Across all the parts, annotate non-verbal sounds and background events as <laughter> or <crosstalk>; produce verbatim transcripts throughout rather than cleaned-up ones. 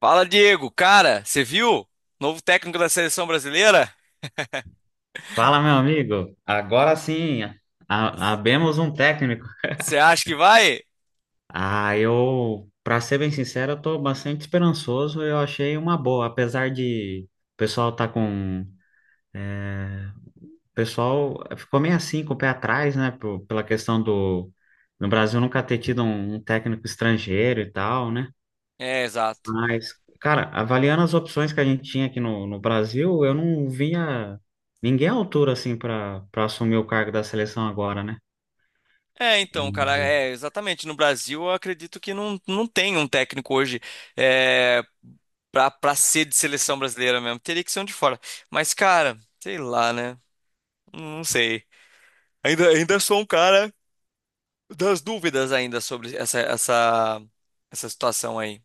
Fala, Diego. Cara, você viu? Novo técnico da seleção brasileira? Fala, meu amigo. Agora sim, a- abemos um técnico. Você acha que vai? Ah, eu, para ser bem sincero, eu tô bastante esperançoso. Eu achei uma boa, apesar de o pessoal tá com, o pessoal ficou meio assim com o pé atrás, né, por- pela questão do no Brasil nunca ter tido um, um técnico estrangeiro e tal, né? É, exato. Mas, cara, avaliando as opções que a gente tinha aqui no, no Brasil, eu não vinha ninguém à altura assim para para assumir o cargo da seleção agora, né? É, então, E cara, é exatamente. No Brasil, eu acredito que não, não tem um técnico hoje é, pra, pra ser de seleção brasileira mesmo. Teria que ser um de fora. Mas, cara, sei lá, né? Não sei. Ainda, ainda sou um cara das dúvidas ainda sobre essa, essa, essa situação aí.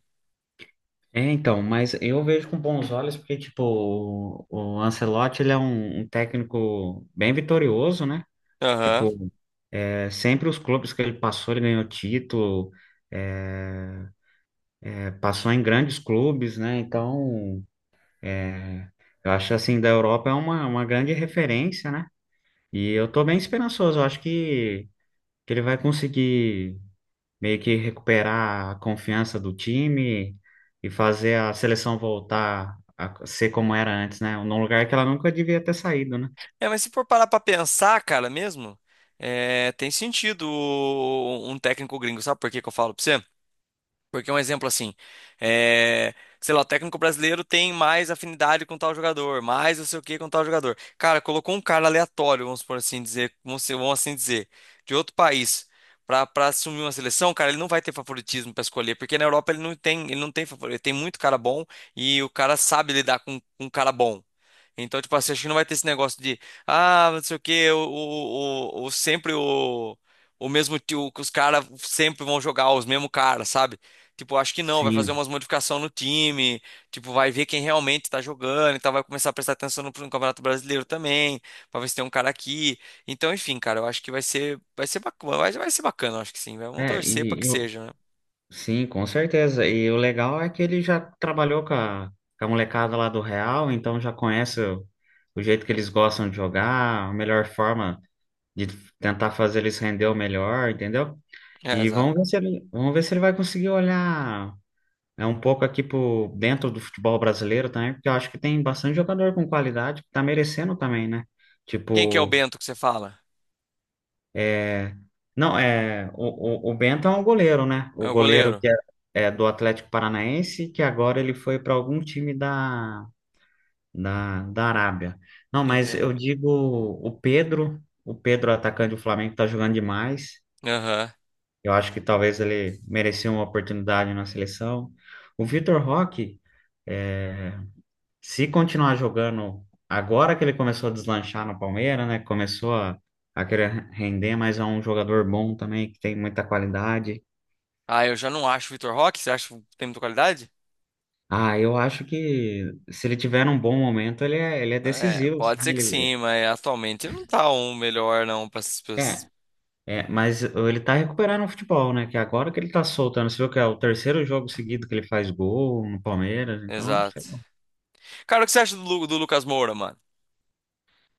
É, então, mas eu vejo com bons olhos porque, tipo, o, o Ancelotti, ele é um, um técnico bem vitorioso, né? Aham. Tipo, é, sempre os clubes que ele passou, ele ganhou título, é, é, passou em grandes clubes, né? Então, é, eu acho assim, da Europa é uma, uma grande referência, né? E eu tô bem esperançoso, eu acho que, que ele vai conseguir meio que recuperar a confiança do time e fazer a seleção voltar a ser como era antes, né? Num lugar que ela nunca devia ter saído, né? É, mas se for parar pra pensar, cara, mesmo, é, tem sentido o- um técnico gringo, sabe por que que eu falo pra você? Porque um exemplo assim, é, sei lá, o técnico brasileiro tem mais afinidade com tal jogador, mais não sei o que com tal jogador. Cara, colocou um cara aleatório, vamos por assim dizer, vamos, ser- vamos assim dizer, de outro país, pra, pra assumir uma seleção, cara, ele não vai ter favoritismo pra escolher, porque na Europa ele não tem, ele não tem favorito, ele tem muito cara bom e o cara sabe lidar com, um cara bom. Então, tipo assim, acho que não vai ter esse negócio de, ah, não sei o quê, o, o, o, o- sempre o, o mesmo tio, que os caras sempre vão jogar os mesmos caras, sabe? Tipo, acho que não, vai fazer Sim, umas modificações no time, tipo, vai ver quem realmente tá jogando, então vai começar a prestar atenção no, no Campeonato Brasileiro também, pra ver se tem um cara aqui. Então, enfim, cara, eu acho que vai ser, vai ser bacana, vai, vai ser bacana, eu acho que sim, vai- vamos é, torcer pra que e eu, seja, né? sim, com certeza. E o legal é que ele já trabalhou com a, com a molecada lá do Real, então já conhece o, o jeito que eles gostam de jogar, a melhor forma de tentar fazer eles render o melhor, entendeu? É, E exato. vamos ver se ele, vamos ver se ele vai conseguir olhar é um pouco aqui por dentro do futebol brasileiro também, porque eu acho que tem bastante jogador com qualidade que tá merecendo também, né? Quem que é o Tipo, Bento que você fala? é... não, é... O, o, o Bento é um goleiro, né? É O o goleiro goleiro. que é, é do Atlético Paranaense, que agora ele foi para algum time da, da, da Arábia. Não, mas Entendeu? eu digo o Pedro, o Pedro, atacante do Flamengo, tá jogando demais. Eu acho que talvez ele merecia uma oportunidade na seleção. O Vitor Roque. é, Se continuar jogando agora que ele começou a deslanchar no Palmeiras, né? Começou a, a querer render, mas é um jogador bom também, que tem muita qualidade. Ah, eu já não acho o Vitor Roque. Você acha que tem muita qualidade? Ah, eu acho que se ele tiver um bom momento, ele é, ele é É, decisivo. Assim, pode ser que ele, sim, mas atualmente ele não tá um melhor, não. Pra... é, essas é, mas ele tá recuperando o futebol, né? Que agora que ele tá soltando, você viu que é o terceiro jogo seguido que ele faz gol no Palmeiras, então, sei Exato. lá. Cara, o que você acha do, Lu- do Lucas Moura, mano?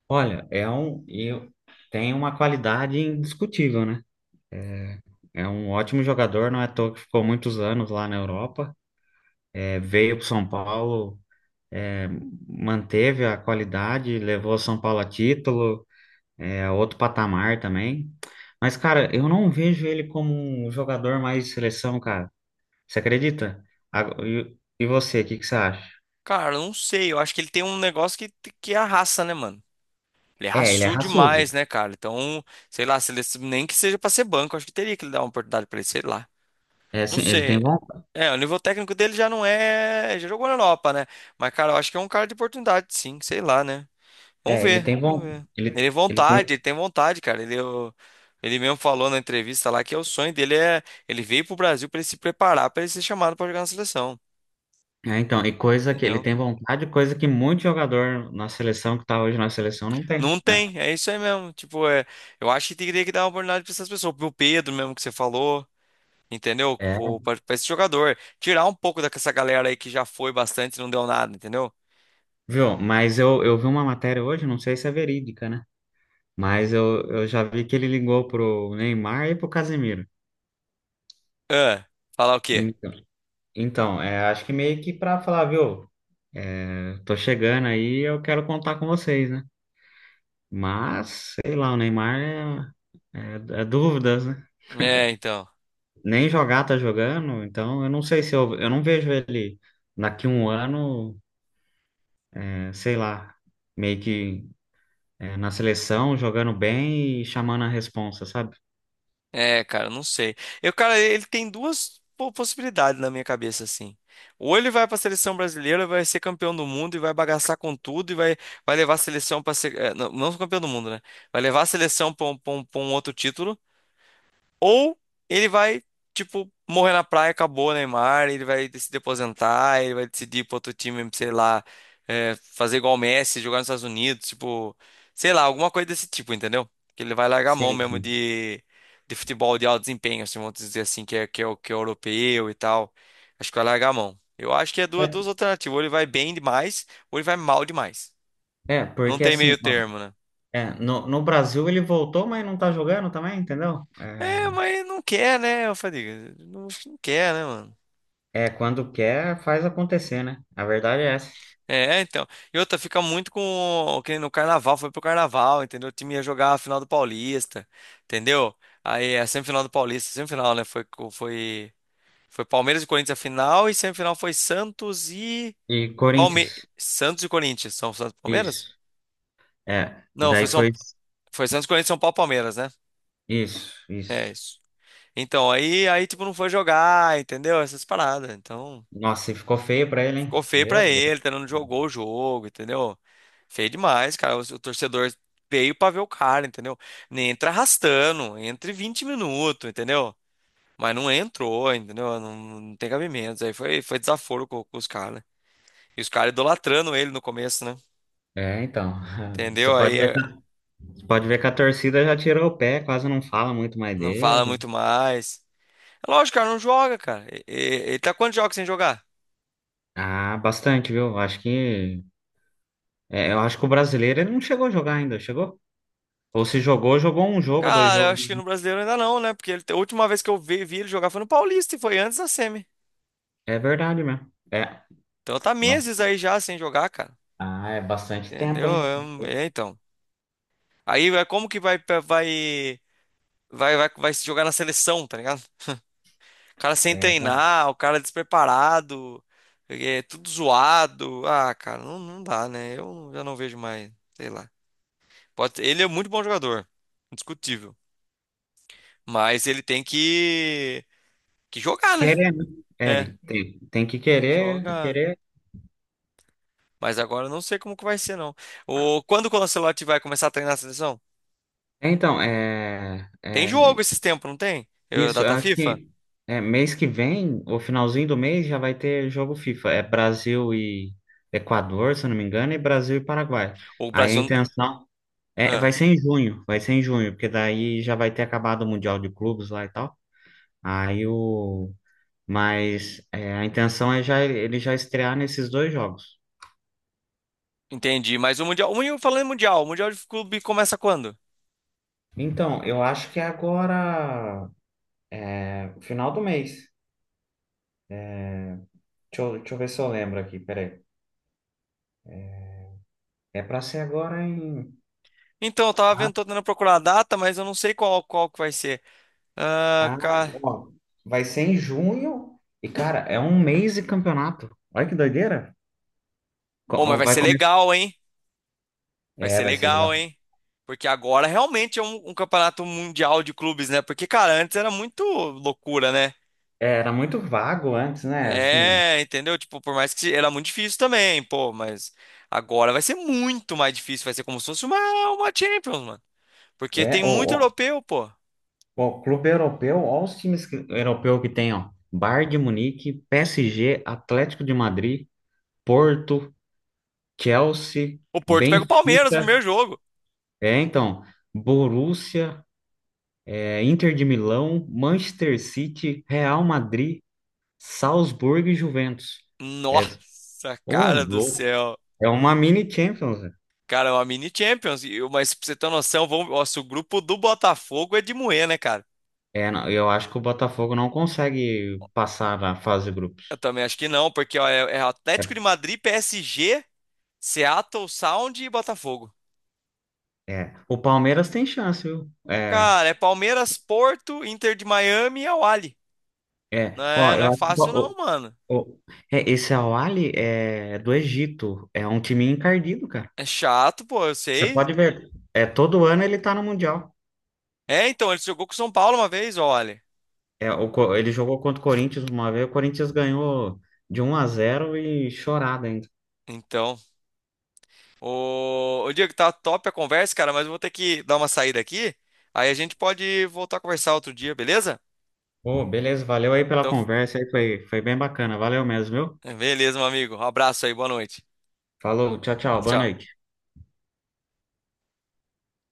Olha, é um, eu, tem uma qualidade indiscutível, né? É um ótimo jogador, não é à toa que ficou muitos anos lá na Europa. É, veio para São Paulo, é, manteve a qualidade, levou São Paulo a título, é, a outro patamar também. Mas, cara, eu não vejo ele como um jogador mais de seleção, cara. Você acredita? A- E e você, o que que você acha? Cara, eu não sei. Eu acho que ele tem um negócio que, que é a raça, né, mano? Ele é É, ele é raçudo. demais, né, cara? Então, sei lá, se ele, nem que seja pra ser banco, acho que teria que dar uma oportunidade pra ele, sei lá. É, Não sim, ele tem sei. bom. É, o nível técnico dele já não é. Já jogou na Europa, né? Mas, cara, eu acho que é um cara de oportunidade, sim, sei lá, né? Vamos É, ele ver, tem vamos bom. ver. Ele Ele, tem ele tem. vontade, ele tem vontade, cara. Ele, eu- ele mesmo falou na entrevista lá que é o sonho dele é ele veio pro Brasil pra ele se preparar pra ele ser chamado pra jogar na seleção, É, então, e coisa que ele entendeu? tem vontade, coisa que muito jogador na seleção que tá hoje na seleção não tem, Não né? tem, é isso aí mesmo. Tipo, é, eu acho que teria que dar uma oportunidade pra essas pessoas, pro Pedro mesmo que você falou, entendeu? É, Pro- Pra pra esse jogador, tirar um pouco dessa galera aí que já foi bastante e não deu nada, entendeu? viu? Mas eu, eu vi uma matéria hoje, não sei se é verídica, né? Mas eu, eu já vi que ele ligou pro Neymar e pro Casemiro. Ah, falar o quê? Então, então é, acho que meio que pra falar, viu? É, tô chegando aí, eu quero contar com vocês, né? Mas, sei lá, o Neymar é, é, é dúvidas, né? É, então. Nem jogar tá jogando, então eu não sei se eu, eu não vejo ele daqui um ano, é, sei lá, meio que é, na seleção, jogando bem e chamando a responsa, sabe? É, cara, não sei. Eu, cara, ele tem duas po- possibilidades na minha cabeça, assim. Ou ele vai pra seleção brasileira, vai ser campeão do mundo e vai bagaçar com tudo e vai, vai levar a seleção pra ser. eh, Não, não campeão do mundo, né? Vai levar a seleção pra um, pra um- pra um outro título. Ou ele vai, tipo, morrer na praia, acabou o Neymar, ele vai decidir aposentar, ele vai decidir ir pra outro time, sei lá, é, fazer igual o Messi, jogar nos Estados Unidos, tipo, sei lá, alguma coisa desse tipo, entendeu? Que ele vai largar a mão Sim, mesmo sim. de, de futebol de alto desempenho, assim, vamos dizer assim, que é, que é, o- que é europeu e tal. Acho que vai largar a mão. Eu acho que é duas, É, duas alternativas, ou ele vai bem demais, ou ele vai mal demais. é, Não porque tem assim, meio ó, termo, né? é, no, no Brasil ele voltou, mas não tá jogando também, entendeu? É, É, mas não quer, né, Fadiga? Não, acho que não quer, né, mano? é, quando quer, faz acontecer, né? A verdade é essa. É, então. E outra, fica muito com. Que nem no carnaval, foi pro carnaval, entendeu? O time ia jogar a final do Paulista, entendeu? Aí a semifinal do Paulista, semifinal, né? Foi, co- foi, foi Palmeiras e Corinthians a final, e semifinal foi Santos e. E Palme... Corinthians, Santos e Corinthians. São Santos e Palmeiras? isso. É, e Não, foi, daí São... foi foi Santos, Corinthians São Paulo e Palmeiras, né? isso, É isso. isso. Então, aí, aí, tipo, não foi jogar, entendeu? Essas paradas. Então. Nossa, e ficou feio pra ele, Ficou hein? feio Meu pra Deus. ele, tá? Não jogou o jogo, entendeu? Feio demais, cara. O, o torcedor veio pra ver o cara, entendeu? Nem entra arrastando, entre vinte minutos, entendeu? Mas não entrou, entendeu? Não, não tem cabimento. Aí foi, foi desaforo com, com os caras. E os caras idolatrando ele no começo, né? É, então, <laughs> você Entendeu? pode Aí ver, é, pode ver que a torcida já tirou o pé, quase não fala muito mais não fala dele. muito mais. É lógico, cara, não joga, cara. E- e- Ele tá quantos jogos sem jogar? Ah, bastante, viu? Acho que, é, eu acho que o brasileiro ele não chegou a jogar ainda, chegou? Ou se jogou, jogou um jogo, dois Cara, eu jogos. acho que no brasileiro ainda não, né? Porque ele- a última vez que eu vi, vi ele jogar foi no Paulista e foi antes da semi. É verdade mesmo. É. Então tá Nossa. meses aí já sem jogar, cara. Ah, é bastante tempo, Entendeu? hein? É, um- é, então. Aí é como que vai vai vai vai vai se jogar na seleção, tá ligado? O cara sem É. treinar, o cara despreparado, é tudo zoado. Ah, cara, não, não dá, né? Eu já não vejo mais, sei lá. Pode, ele é muito bom jogador, indiscutível. Mas ele tem que que jogar, né? Querer, né? É, É, ele tem, tem que tem que querer, jogar. querer. Mas agora eu não sei como que vai ser, não. O, quando o Ancelotti vai começar a treinar a seleção? É, Então, é, Tem é jogo esses tempos, não tem? Eu, isso, eu data acho FIFA? que é, mês que vem, o finalzinho do mês, já vai ter jogo FIFA. É Brasil e Equador, se eu não me engano, e Brasil e Paraguai. O Aí a Brasil. intenção é, vai Ah, ser em junho, vai ser em junho, porque daí já vai ter acabado o Mundial de Clubes lá e tal. Aí o, Mas é, a intenção é já ele já estrear nesses dois jogos. entendi. Mas o Mundial. o- Mundial, Falando em Mundial, o Mundial de Clube começa quando? Então, eu acho que é agora, é, final do mês. Deixa eu, deixa eu ver se eu lembro aqui, peraí. É para ser agora em. Então, eu tava vendo, tô Ah, tentando procurar a data, mas eu não sei qual, qual que vai ser. Ah, ah, cara. ó, vai ser em junho. E, cara, é um mês de campeonato. Olha que doideira. Co- Oh, mas ó, vai vai ser começar. legal, hein? Vai É, ser vai ser legal, legal. hein? Porque agora realmente é um, um campeonato mundial de clubes, né? Porque, cara, antes era muito loucura, né? É, era muito vago antes, né? Assim, É, entendeu? Tipo, por mais que era muito difícil também, pô, mas agora vai ser muito mais difícil. Vai ser como se fosse uma, uma Champions, mano. Porque é, tem muito o, europeu, pô. o, o clube europeu, olha os times que- europeu que tem, ó. Bayern de Munique, P S G, Atlético de Madrid. Porto, Chelsea, O Porto pega o Palmeiras no Benfica, primeiro jogo. é então, Borussia, é, Inter de Milão, Manchester City, Real Madrid, Salzburgo e Juventus. É, Nossa, ô, cara do louco. céu. É uma mini Champions, né? Cara, é uma mini Champions. E- Mas pra você ter noção, vamos... Nossa, o grupo do Botafogo é de moer, né, cara? É, não, eu acho que o Botafogo não consegue passar na fase de grupos. Eu também acho que não, porque ó, é é É, Atlético de Madrid, P S G, Seattle Sound e Botafogo. é. O Palmeiras tem chance, viu? É, Cara, é Palmeiras, Porto, Inter de Miami e Al Ahly. Não é. Ó, é, não eu é acho que fácil não, o, mano. o- o- é, esse Al-Ahly é do Egito. É um time encardido, cara. É chato, pô, eu Você sei. pode ver, é todo ano ele tá no Mundial. É, então, ele jogou com o São Paulo uma vez, olha. É, o Co- Eu- ele jogou contra o Corinthians uma vez, o Corinthians ganhou de um a zero e chorada ainda. Então. Ô, ô Diego, tá top a conversa, cara, mas eu vou ter que dar uma saída aqui. Aí a gente pode voltar a conversar outro dia, beleza? Pô, beleza, valeu aí pela Então, conversa, aí foi, foi bem bacana. Valeu mesmo, viu? beleza, meu amigo. Um abraço aí, boa noite. Falou, tchau, Tchau. tchau, boa Tchau. noite.